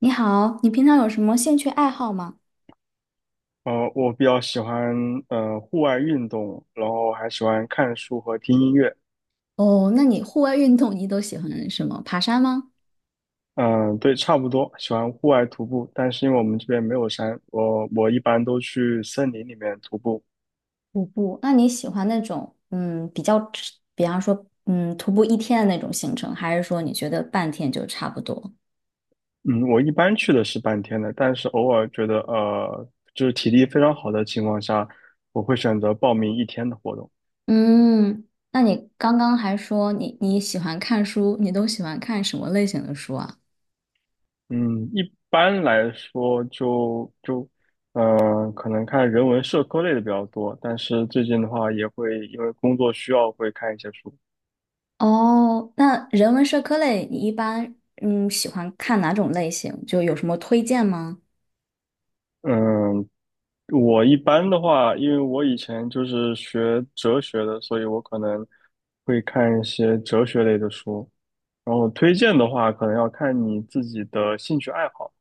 你好，你平常有什么兴趣爱好吗？我比较喜欢户外运动，然后还喜欢看书和听音乐。哦，那你户外运动你都喜欢什么？爬山吗？嗯，对，差不多，喜欢户外徒步，但是因为我们这边没有山，我一般都去森林里面徒步。徒步，那你喜欢那种比较吃比方说徒步一天的那种行程，还是说你觉得半天就差不多？嗯，我一般去的是半天的，但是偶尔觉得就是体力非常好的情况下，我会选择报名一天的活动。嗯，那你刚刚还说你喜欢看书，你都喜欢看什么类型的书啊？嗯，一般来说嗯，可能看人文社科类的比较多，但是最近的话也会因为工作需要会看一些书。哦，那人文社科类你一般嗯喜欢看哪种类型？就有什么推荐吗？嗯，我一般的话，因为我以前就是学哲学的，所以我可能会看一些哲学类的书。然后推荐的话，可能要看你自己的兴趣爱好，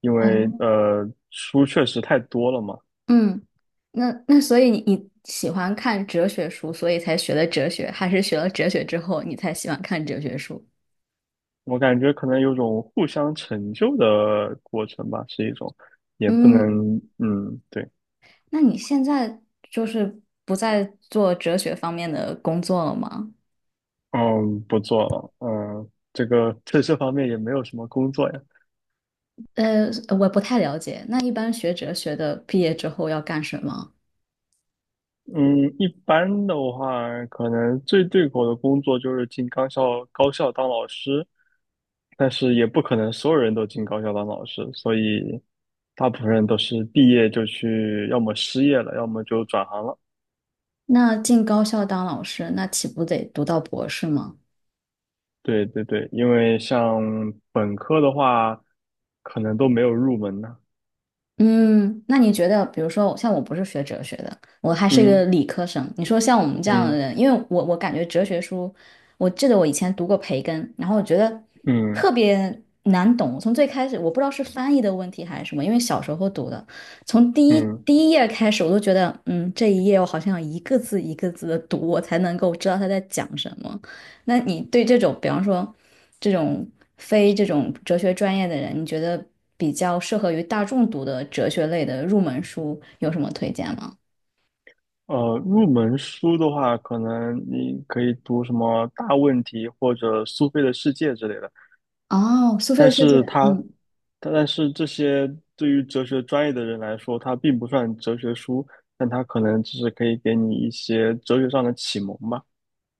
因为哦。书确实太多了嘛。嗯，那所以你喜欢看哲学书，所以才学的哲学，还是学了哲学之后你才喜欢看哲学书？我感觉可能有种互相成就的过程吧，是一种，也不嗯，能，嗯，对。那你现在就是不再做哲学方面的工作了吗？嗯，不做了，嗯，这个在这方面也没有什么工作呀。呃，我不太了解。那一般学哲学的毕业之后要干什么？嗯，一般的话，可能最对口的工作就是进高校当老师，但是也不可能所有人都进高校当老师，所以大部分人都是毕业就去，要么失业了，要么就转行了。那进高校当老师，那岂不得读到博士吗？对对对，因为像本科的话，可能都没有入门呢。嗯，那你觉得，比如说，像我不是学哲学的，我还是一个嗯理科生。你说像我们这样的嗯人，因为我感觉哲学书，我记得我以前读过培根，然后我觉得嗯特别难懂。从最开始，我不知道是翻译的问题还是什么，因为小时候读的，从第一嗯。第一页开始，我都觉得，嗯，这一页我好像要一个字一个字的读，我才能够知道他在讲什么。那你对这种，比方说这种非这种哲学专业的人，你觉得比较适合于大众读的哲学类的入门书有什么推荐吗？入门书的话，可能你可以读什么《大问题》或者《苏菲的世界》之类的，哦，苏菲的但世界，是它，嗯。但是这些对于哲学专业的人来说，它并不算哲学书，但它可能只是可以给你一些哲学上的启蒙吧。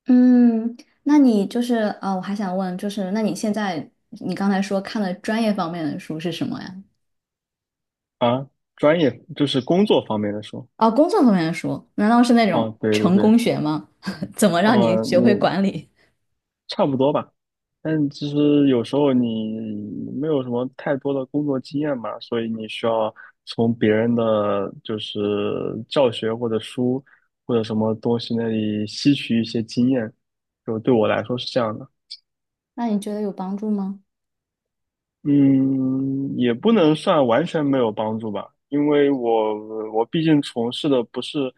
嗯，那你就是我还想问，就是那你现在你刚才说看的专业方面的书是什么呀？啊，专业就是工作方面的书。哦，工作方面的书，难道是那种哦，对对成对。功学吗？怎么让你哦，学会管理？差不多吧。但其实有时候你没有什么太多的工作经验嘛，所以你需要从别人的就是教学或者书或者什么东西那里吸取一些经验。就对我来说是这样的。那你觉得有帮助吗？嗯，也不能算完全没有帮助吧，因为我毕竟从事的不是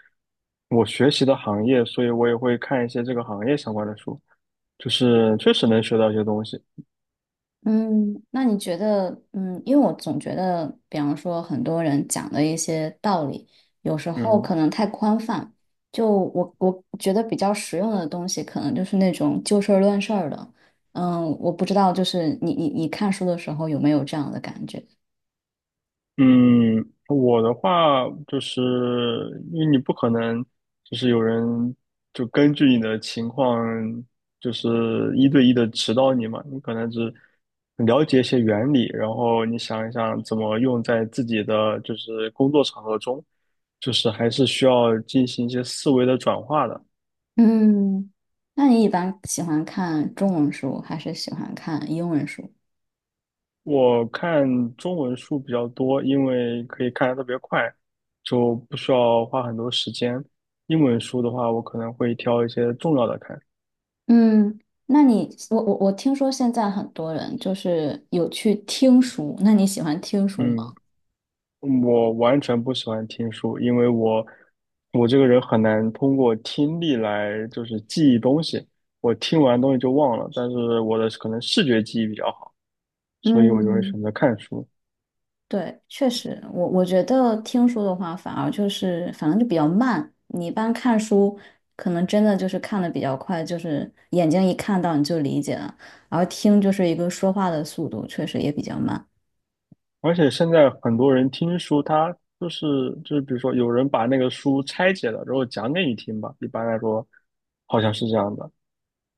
我学习的行业，所以我也会看一些这个行业相关的书，就是确实能学到一些东西。嗯，那你觉得，嗯，因为我总觉得，比方说很多人讲的一些道理，有时候嗯。可能太宽泛。就我觉得比较实用的东西，可能就是那种就事儿论事儿的。嗯，我不知道，就是你看书的时候有没有这样的感觉？嗯，我的话就是因为你不可能，就是有人就根据你的情况，就是一对一的指导你嘛，你可能只了解一些原理，然后你想一想怎么用在自己的就是工作场合中，就是还是需要进行一些思维的转化的。嗯 那你一般喜欢看中文书，还是喜欢看英文书？我看中文书比较多，因为可以看的特别快，就不需要花很多时间。英文书的话，我可能会挑一些重要的看。嗯，那你我听说现在很多人就是有去听书，那你喜欢听书嗯，吗？嗯我完全不喜欢听书，因为我这个人很难通过听力来就是记忆东西。我听完东西就忘了，但是我的可能视觉记忆比较好，所以我就会嗯，选择看书。对，确实，我觉得听书的话，反而就是反正就比较慢。你一般看书，可能真的就是看的比较快，就是眼睛一看到你就理解了，而听就是一个说话的速度，确实也比较慢。而且现在很多人听书，他就是就是，比如说有人把那个书拆解了，然后讲给你听吧。一般来说，好像是这样的。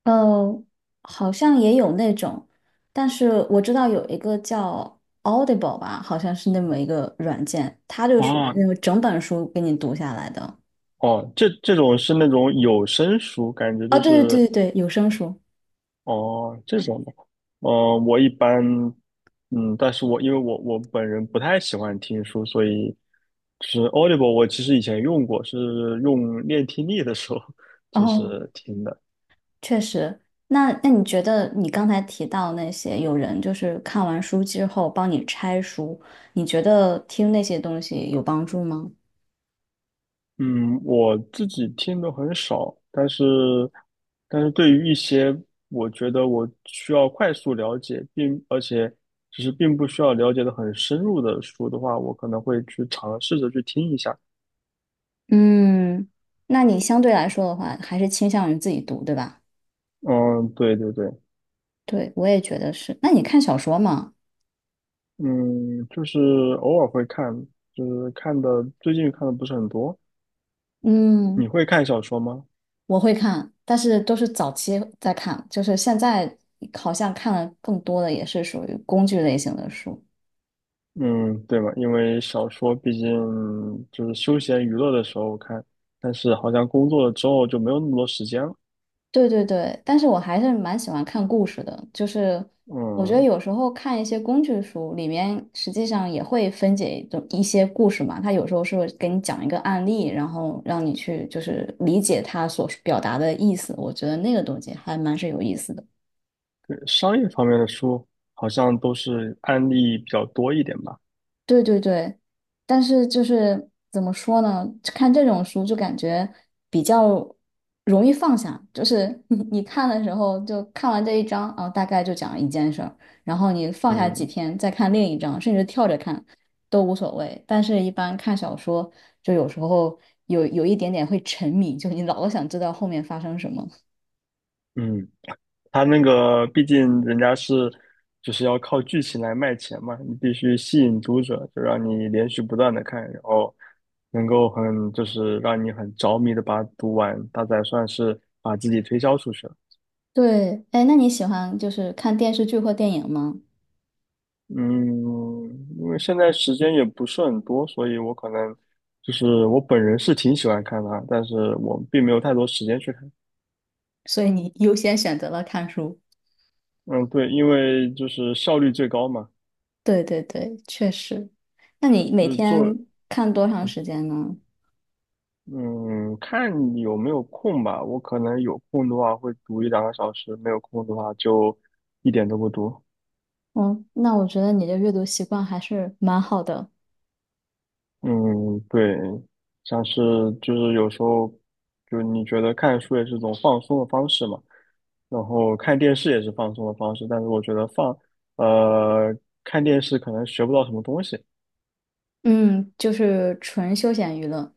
呃，好像也有那种，但是我知道有一个叫 Audible 吧，好像是那么一个软件，它就属于那哦种整本书给你读下来的。哦，这种是那种有声书，感觉啊，就对是对对对对，有声书。哦这种的。哦，我一般嗯，但是我因为我本人不太喜欢听书，所以就是 Audible，我其实以前用过，是用练听力的时候 就哦。是听的。确实，那你觉得你刚才提到那些有人就是看完书之后帮你拆书，你觉得听那些东西有帮助吗？嗯，我自己听的很少，但是对于一些我觉得我需要快速了解，并而且只是并不需要了解的很深入的书的话，我可能会去尝试着去听一下。嗯，那你相对来说的话，还是倾向于自己读，对吧？嗯，对对对。对，我也觉得是。那你看小说吗？嗯，就是偶尔会看，就是最近看的不是很多。你嗯，会看小说吗？我会看，但是都是早期在看，就是现在好像看的更多的也是属于工具类型的书。嗯，对吧？因为小说毕竟就是休闲娱乐的时候看，但是好像工作了之后就没有那么多时间了。对对对，但是我还是蛮喜欢看故事的，就是我觉得嗯，有时候看一些工具书，里面实际上也会分解一种一些故事嘛，它有时候是会给你讲一个案例，然后让你去就是理解它所表达的意思，我觉得那个东西还蛮是有意思的。商业方面的书好像都是案例比较多一点吧。对对对，但是就是怎么说呢？看这种书就感觉比较容易放下，就是你看的时候就看完这一章啊，大概就讲一件事儿，然后你放下几嗯天再看另一章，甚至跳着看都无所谓。但是，一般看小说就有时候有一点点会沉迷，就你老想知道后面发生什么。嗯，他那个毕竟人家是就是要靠剧情来卖钱嘛，你必须吸引读者，就让你连续不断的看，然后能够很就是让你很着迷的把它读完，它才算是把自己推销出去了。对，哎，那你喜欢就是看电视剧或电影吗？嗯，因为现在时间也不是很多，所以我可能就是我本人是挺喜欢看它，但是我并没有太多时间去看。所以你优先选择了看书。嗯，对，因为就是效率最高嘛。对对对，确实。那你每就是做，天看多长时间呢？嗯，看你有没有空吧。我可能有空的话会读一两个小时，没有空的话就一点都不读。嗯，那我觉得你的阅读习惯还是蛮好的。嗯，对，像是就是有时候，就是你觉得看书也是一种放松的方式嘛，然后看电视也是放松的方式，但是我觉得呃，看电视可能学不到什么东西。嗯，就是纯休闲娱乐。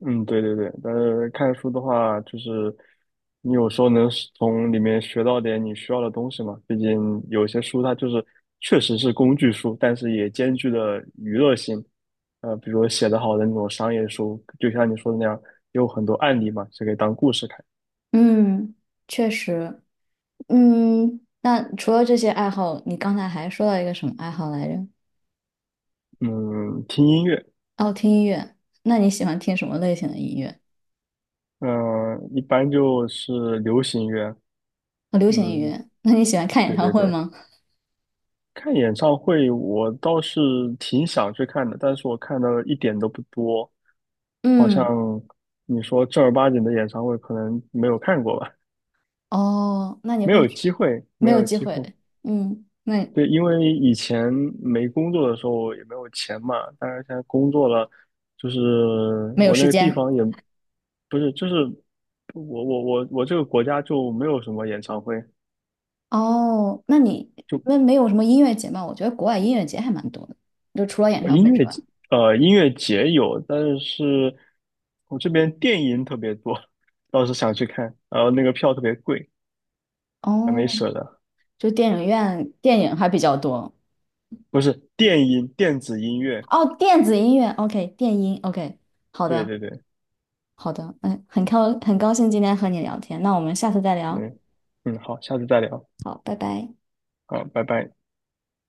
嗯，对对对，但是看书的话，就是你有时候能是从里面学到点你需要的东西嘛。毕竟有些书它就是确实是工具书，但是也兼具了娱乐性。比如说写得好的那种商业书，就像你说的那样，有很多案例嘛，是可以当故事看。嗯，确实。嗯，那除了这些爱好，你刚才还说到一个什么爱好来着？嗯，听音乐。哦，听音乐。那你喜欢听什么类型的音乐？嗯、一般就是流行乐。哦，流行音嗯，乐。那你喜欢看演对唱对会对。吗？看演唱会，我倒是挺想去看的，但是我看的一点都不多。好像嗯，你说正儿八经的演唱会可能没有看过吧，哦，那你没会有去？机会，没没有有机机会。会。嗯，那对，因为以前没工作的时候也没有钱嘛，但是现在工作了，就是没有我那时个地间。方也不是，就是我这个国家就没有什么演唱会。哦，那你就那没有什么音乐节吗？我觉得国外音乐节还蛮多的，就除了演呃唱音会之乐外。节音乐节有，但是我这边电音特别多，倒是想去看，然后那个票特别贵，还没哦，舍得。就电影院电影还比较多。不是电音，电子音乐。哦，电子音乐，OK，电音，OK，好对的，对对，好的，嗯，很高兴今天和你聊天，那我们下次再聊。嗯嗯，好，下次再聊，好，拜拜。好，拜拜。